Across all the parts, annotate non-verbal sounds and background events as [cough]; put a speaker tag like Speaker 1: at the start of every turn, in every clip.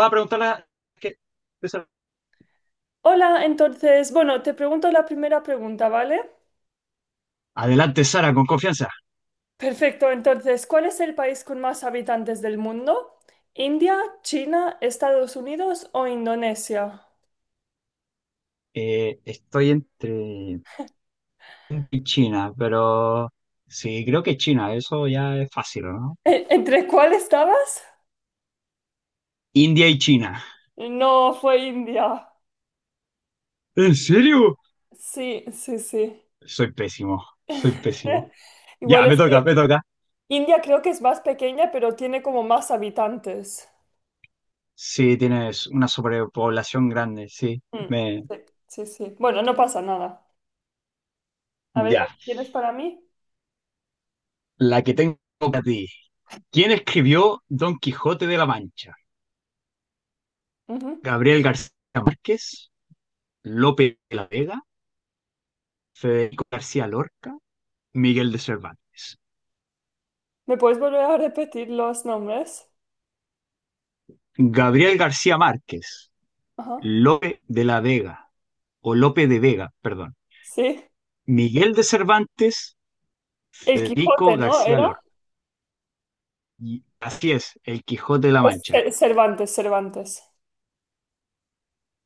Speaker 1: Va a preguntarla. que...
Speaker 2: Hola, entonces, bueno, te pregunto la primera pregunta, ¿vale?
Speaker 1: Adelante, Sara, con confianza.
Speaker 2: Perfecto, entonces, ¿cuál es el país con más habitantes del mundo? ¿India, China, Estados Unidos o Indonesia?
Speaker 1: Estoy entre India y China, pero sí, creo que China, eso ya es fácil, ¿no?
Speaker 2: ¿¿Entre cuál estabas?
Speaker 1: India y China.
Speaker 2: No, fue India.
Speaker 1: ¿En serio?
Speaker 2: Sí, sí, sí.
Speaker 1: Soy pésimo, soy pésimo.
Speaker 2: [laughs]
Speaker 1: Ya,
Speaker 2: Igual
Speaker 1: me
Speaker 2: es
Speaker 1: toca,
Speaker 2: que
Speaker 1: me toca.
Speaker 2: India creo que es más pequeña, pero tiene como más habitantes.
Speaker 1: Sí, tienes una sobrepoblación grande, sí.
Speaker 2: Mm,
Speaker 1: Me...
Speaker 2: sí, sí, sí. Bueno, no pasa nada. A ver, ¿la
Speaker 1: Ya.
Speaker 2: que tienes para mí?
Speaker 1: La que tengo para ti. ¿Quién escribió Don Quijote de la Mancha?
Speaker 2: Ujú.
Speaker 1: ¿Gabriel García Márquez? ¿Lope de la Vega? ¿Federico García Lorca? Miguel de Cervantes.
Speaker 2: ¿Me puedes volver a repetir los nombres?
Speaker 1: Gabriel García Márquez,
Speaker 2: Ajá.
Speaker 1: Lope de la Vega, o Lope de Vega, perdón.
Speaker 2: Sí,
Speaker 1: Miguel de Cervantes,
Speaker 2: el
Speaker 1: Federico
Speaker 2: Quijote, ¿no?
Speaker 1: García
Speaker 2: ¿Era?
Speaker 1: Lorca. Y así es, El Quijote de la
Speaker 2: Pues,
Speaker 1: Mancha.
Speaker 2: Cervantes.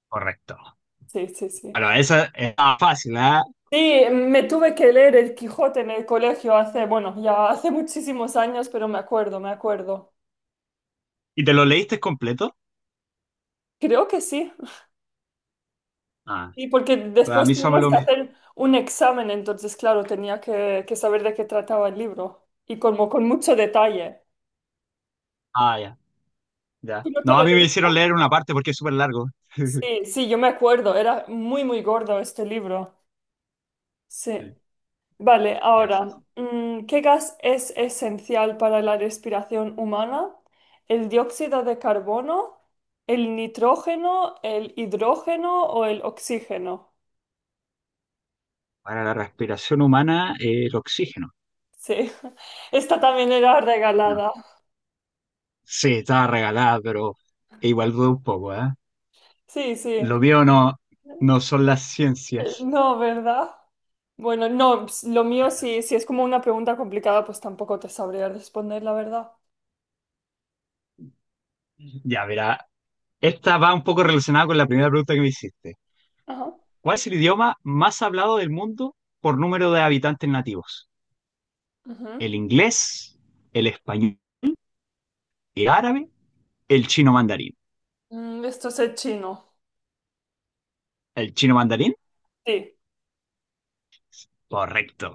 Speaker 1: Correcto.
Speaker 2: Sí, sí, sí.
Speaker 1: Bueno, esa es fácil, ¿ah?
Speaker 2: Sí, me tuve que leer el Quijote en el colegio hace, bueno, ya hace muchísimos años, pero me acuerdo, me acuerdo.
Speaker 1: ¿Y te lo leíste completo?
Speaker 2: Creo que sí.
Speaker 1: Ah,
Speaker 2: Sí, porque
Speaker 1: a
Speaker 2: después
Speaker 1: mí
Speaker 2: tuvimos
Speaker 1: solo
Speaker 2: que
Speaker 1: me lo...
Speaker 2: hacer un examen, entonces, claro, tenía que, saber de qué trataba el libro y como con mucho detalle.
Speaker 1: Ah, ya, ya.
Speaker 2: ¿Tú no te
Speaker 1: No,
Speaker 2: lo
Speaker 1: a mí me hicieron
Speaker 2: leíste?
Speaker 1: leer una parte porque es súper largo. [laughs]
Speaker 2: Sí, sí, yo me acuerdo, era muy, muy gordo este libro. Sí.
Speaker 1: Sí,
Speaker 2: Vale,
Speaker 1: ya, sí,
Speaker 2: ahora,
Speaker 1: no.
Speaker 2: ¿qué gas es esencial para la respiración humana? ¿El dióxido de carbono, el nitrógeno, el hidrógeno o el oxígeno?
Speaker 1: Para la respiración humana, el oxígeno.
Speaker 2: Sí, [laughs] esta también era
Speaker 1: No.
Speaker 2: regalada.
Speaker 1: Sí, estaba regalada, pero igual dudo un poco, ¿eh?
Speaker 2: Sí, sí.
Speaker 1: Lo mío no, no son las ciencias.
Speaker 2: No, ¿verdad? Bueno, no, lo mío sí, si es como una pregunta complicada, pues tampoco te sabría responder, la verdad.
Speaker 1: Ya, mira, esta va un poco relacionada con la primera pregunta que me hiciste.
Speaker 2: Ajá.
Speaker 1: ¿Cuál es el idioma más hablado del mundo por número de habitantes nativos?
Speaker 2: Ujú.
Speaker 1: ¿El inglés, el español, el árabe, el chino mandarín?
Speaker 2: Mm, esto es el chino.
Speaker 1: ¿El chino mandarín?
Speaker 2: Sí,
Speaker 1: Correcto.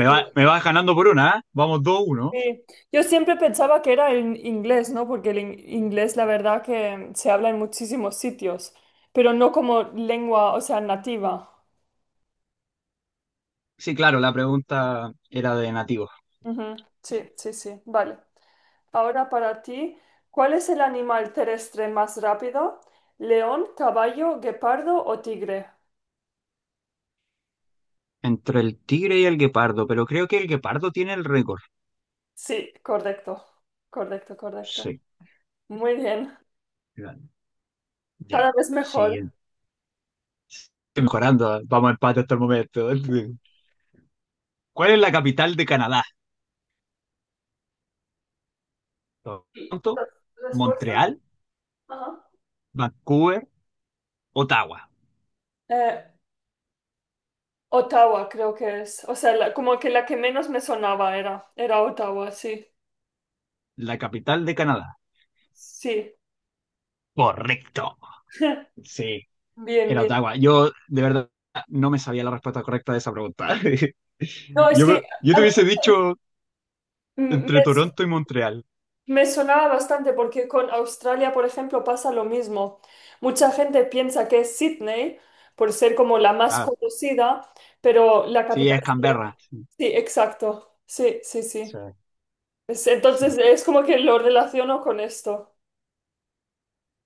Speaker 1: Me vas ganando por una, ¿eh? Vamos dos uno.
Speaker 2: Sí. Yo siempre pensaba que era en inglés, ¿no? Porque el inglés, la verdad, que se habla en muchísimos sitios, pero no como lengua, o sea, nativa.
Speaker 1: Sí, claro, la pregunta era de nativos.
Speaker 2: Ujú. Sí, sí, sí, vale. Ahora para ti, ¿cuál es el animal terrestre más rápido? ¿León, caballo, guepardo o tigre?
Speaker 1: Entre el tigre y el guepardo, pero creo que el guepardo tiene el récord.
Speaker 2: Sí, correcto, correcto, correcto.
Speaker 1: Sí,
Speaker 2: Muy bien,
Speaker 1: ya.
Speaker 2: cada vez mejor.
Speaker 1: Siguiente. Estoy mejorando, vamos a empate hasta el momento. [laughs] ¿Cuál es la capital de Canadá?
Speaker 2: ¿Y las
Speaker 1: Toronto,
Speaker 2: respuestas?
Speaker 1: Montreal,
Speaker 2: Ajá.
Speaker 1: Vancouver, Ottawa.
Speaker 2: Eh, Ottawa, creo que es. O sea, como que la que menos me sonaba era Ottawa, sí.
Speaker 1: La capital de Canadá.
Speaker 2: Sí.
Speaker 1: Correcto.
Speaker 2: [laughs]
Speaker 1: Sí,
Speaker 2: Bien,
Speaker 1: era
Speaker 2: bien.
Speaker 1: Ottawa. Yo, de verdad, no me sabía la respuesta correcta de esa pregunta. [laughs]
Speaker 2: No, es que
Speaker 1: Yo
Speaker 2: a
Speaker 1: te
Speaker 2: mí
Speaker 1: hubiese dicho
Speaker 2: me,
Speaker 1: entre Toronto y Montreal.
Speaker 2: me sonaba bastante porque con Australia, por ejemplo, pasa lo mismo. Mucha gente piensa que es Sydney por ser como la más
Speaker 1: Ah,
Speaker 2: conocida, pero la
Speaker 1: sí,
Speaker 2: capital
Speaker 1: es
Speaker 2: sería-
Speaker 1: Canberra. Sí,
Speaker 2: Sí, exacto. Sí, sí,
Speaker 1: sí,
Speaker 2: sí.
Speaker 1: sí,
Speaker 2: Entonces es como que lo relaciono con esto.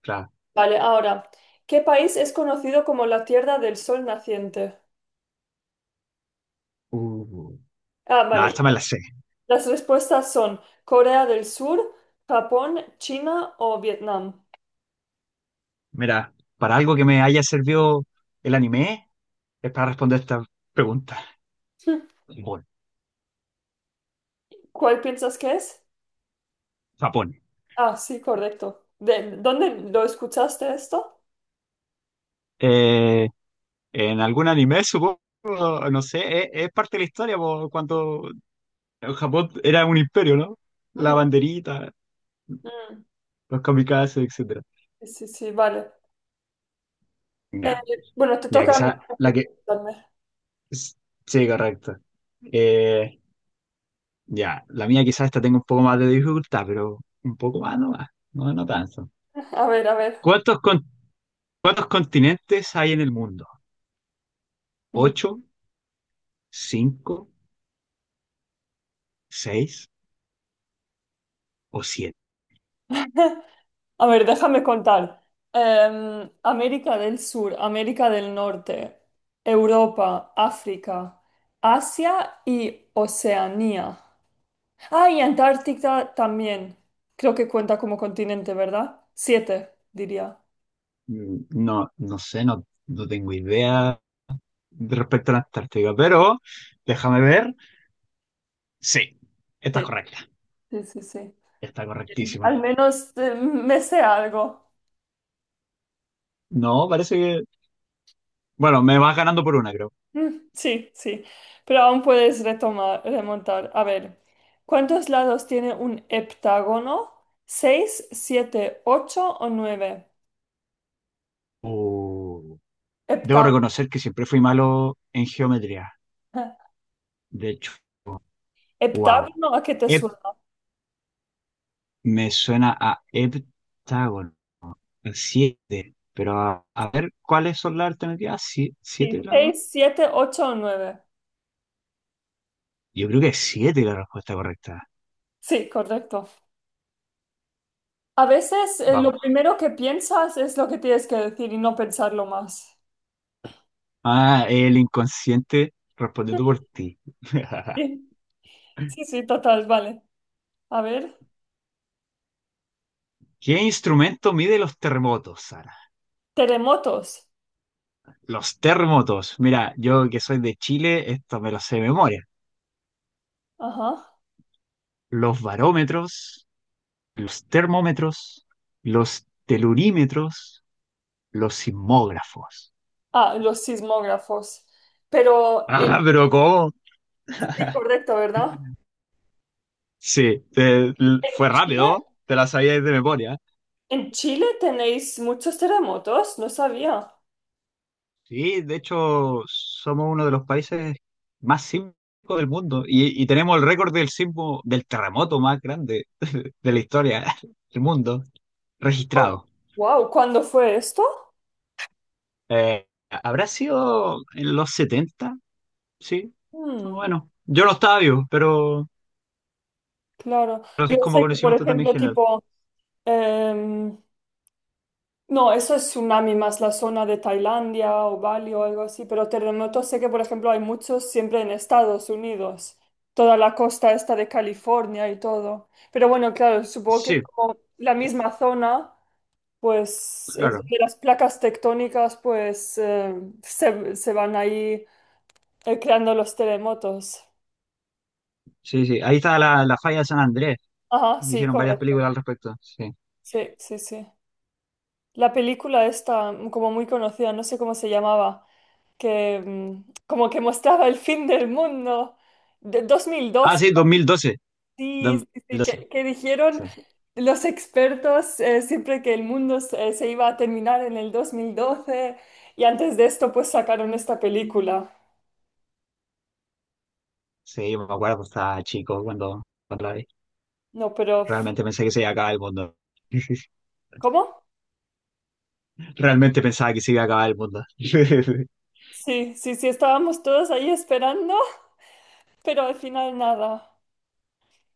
Speaker 1: claro.
Speaker 2: Vale, ahora, ¿qué país es conocido como la Tierra del Sol Naciente?
Speaker 1: Uh.
Speaker 2: Ah,
Speaker 1: No,
Speaker 2: vale.
Speaker 1: esta me la sé.
Speaker 2: Las respuestas son Corea del Sur, Japón, China o Vietnam. [laughs]
Speaker 1: Mira, para algo que me haya servido el anime, es para responder esta pregunta.
Speaker 2: Hmm,
Speaker 1: Japón.
Speaker 2: ¿cuál piensas que es?
Speaker 1: Japón.
Speaker 2: Ah, sí, correcto. ¿De dónde lo escuchaste esto?
Speaker 1: Eh, en algún anime, supongo, no sé, es parte de la historia, po, cuando Japón era un imperio, ¿no? La
Speaker 2: Ujú.
Speaker 1: banderita,
Speaker 2: Mm,
Speaker 1: los kamikazes, etcétera.
Speaker 2: sí, sí, sí, vale. Eh,
Speaker 1: Ya,
Speaker 2: bueno, te
Speaker 1: ya,
Speaker 2: toca a mí
Speaker 1: quizás
Speaker 2: aquí
Speaker 1: la que...
Speaker 2: preguntarme.
Speaker 1: Sí, correcto. Eh, ya, la mía quizás esta tengo un poco más de dificultad, pero un poco más nomás, no, no tanto.
Speaker 2: A ver, a ver.
Speaker 1: ¿Cuántos con- ¿Cuántos continentes hay en el mundo?
Speaker 2: Mm.
Speaker 1: ¿Ocho, cinco, seis o siete?
Speaker 2: A ver, déjame contar. América del Sur, América del Norte, Europa, África, Asia y Oceanía. Ah, y Antártica también. Creo que cuenta como continente, ¿verdad? Siete, diría.
Speaker 1: No, no sé, no, no tengo idea respecto a la Antártica, pero déjame ver. Sí, está
Speaker 2: Sí,
Speaker 1: correcta,
Speaker 2: sí, sí, sí.
Speaker 1: está correctísima.
Speaker 2: Al menos me sé algo.
Speaker 1: No, parece que... Bueno, me vas ganando por una, creo.
Speaker 2: Mm, sí, sí. Pero aún puedes retomar, remontar. A ver, ¿cuántos lados tiene un heptágono? ¿Seis, siete, ocho o nueve?
Speaker 1: Uh, Debo
Speaker 2: Heptágono.
Speaker 1: reconocer que siempre fui malo en geometría.
Speaker 2: [laughs]
Speaker 1: De hecho, wow.
Speaker 2: ¿Heptágono a qué te suena?
Speaker 1: Me suena a heptágono, a siete. Pero a ver, ¿cuáles son las alternativas? ¿Siete
Speaker 2: Sí,
Speaker 1: grados?
Speaker 2: seis, siete, ocho o nueve.
Speaker 1: Yo creo que es siete la respuesta correcta.
Speaker 2: Sí, correcto. A veces lo
Speaker 1: Vamos.
Speaker 2: primero que piensas es lo que tienes que decir y no pensarlo más.
Speaker 1: Ah, el inconsciente respondiendo por ti. [laughs]
Speaker 2: Sí, sí, sí, total, vale. A ver,
Speaker 1: ¿Qué instrumento mide los terremotos, Sara?
Speaker 2: terremotos.
Speaker 1: Los terremotos. Mira, yo que soy de Chile, esto me lo sé de memoria.
Speaker 2: Ajá.
Speaker 1: Los barómetros, los termómetros, los telurímetros, los sismógrafos.
Speaker 2: Ah, los sismógrafos. Pero,
Speaker 1: Ah, pero ¿cómo?
Speaker 2: sí, correcto, ¿verdad?
Speaker 1: Sí,
Speaker 2: ¿En
Speaker 1: fue
Speaker 2: Chile?
Speaker 1: rápido, te la sabías de memoria.
Speaker 2: ¿En Chile tenéis muchos terremotos? No sabía.
Speaker 1: Sí, de hecho, somos uno de los países más sísmicos del mundo y tenemos el récord del sismo, del terremoto más grande de la historia [laughs] del mundo registrado.
Speaker 2: Wow, ¿cuándo fue esto?
Speaker 1: ¿Habrá sido en los 70, sí,
Speaker 2: Mm,
Speaker 1: bueno, yo no estaba vivo,
Speaker 2: claro.
Speaker 1: pero
Speaker 2: Yo
Speaker 1: es como
Speaker 2: sé que, por
Speaker 1: conocimiento también
Speaker 2: ejemplo,
Speaker 1: general.
Speaker 2: tipo... em, No, eso es tsunami más la zona de Tailandia o Bali o algo así, pero terremotos sé que, por ejemplo, hay muchos siempre en Estados Unidos, toda la costa esta de California y todo. Pero bueno, claro, supongo que
Speaker 1: Sí,
Speaker 2: como la misma zona, pues es
Speaker 1: claro,
Speaker 2: donde las placas tectónicas pues se van ahí creando los terremotos.
Speaker 1: sí, sí, ahí está la falla de San Andrés,
Speaker 2: Ajá, sí,
Speaker 1: hicieron varias
Speaker 2: correcto.
Speaker 1: películas al respecto. Sí.
Speaker 2: Sí, sí, sí. La película esta, mm, como muy conocida, no sé cómo se llamaba, que mm, como que mostraba el fin del mundo de
Speaker 1: Ah,
Speaker 2: 2002,
Speaker 1: sí, 2012.
Speaker 2: sí, sí, sí,
Speaker 1: 2012.
Speaker 2: que dijeron
Speaker 1: Sí,
Speaker 2: los expertos siempre que el mundo se iba a terminar en el 2012 y antes de esto pues sacaron esta película.
Speaker 1: sí, yo me acuerdo, estaba chico cuando la vi.
Speaker 2: No, pero
Speaker 1: Realmente pensé que se iba a acabar el mundo. [laughs]
Speaker 2: ¿cómo?
Speaker 1: Realmente pensaba que se iba a acabar el mundo. [laughs]
Speaker 2: Sí, sí, sí, estábamos todos ahí esperando, [laughs] pero al final nada.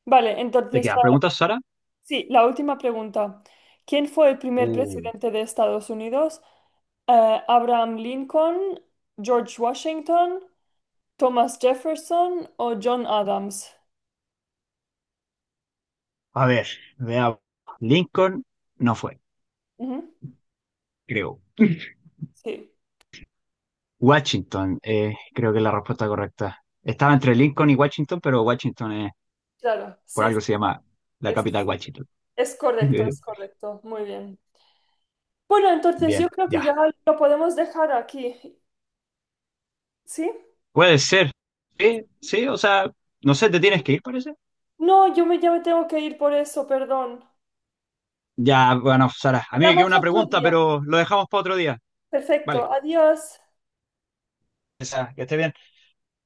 Speaker 2: Vale,
Speaker 1: ¿Te
Speaker 2: entonces
Speaker 1: quedan preguntas, Sara?
Speaker 2: sí, la última pregunta. ¿Quién fue el primer
Speaker 1: Uh,
Speaker 2: presidente de Estados Unidos? ¿Abraham Lincoln, George Washington, Thomas Jefferson o John Adams?
Speaker 1: A ver, veamos. Lincoln no fue,
Speaker 2: Ujú,
Speaker 1: creo.
Speaker 2: sí,
Speaker 1: Washington, creo que es la respuesta correcta. Estaba entre Lincoln y Washington, pero Washington es,
Speaker 2: claro,
Speaker 1: por
Speaker 2: sí, sí,
Speaker 1: algo se llama la
Speaker 2: es,
Speaker 1: capital Washington.
Speaker 2: es correcto, es
Speaker 1: [laughs]
Speaker 2: correcto. Muy bien. Bueno, entonces yo
Speaker 1: Bien,
Speaker 2: creo que
Speaker 1: ya.
Speaker 2: ya lo podemos dejar aquí, ¿sí?
Speaker 1: Puede ser. Sí, sí, o sea, no sé, te tienes que ir, parece.
Speaker 2: No, ya me tengo que ir por eso, perdón.
Speaker 1: Ya, bueno, Sara, a mí me queda
Speaker 2: Hablamos
Speaker 1: una
Speaker 2: otro
Speaker 1: pregunta,
Speaker 2: día.
Speaker 1: pero lo dejamos para otro día. Vale,
Speaker 2: Perfecto, adiós.
Speaker 1: Sara, que esté bien.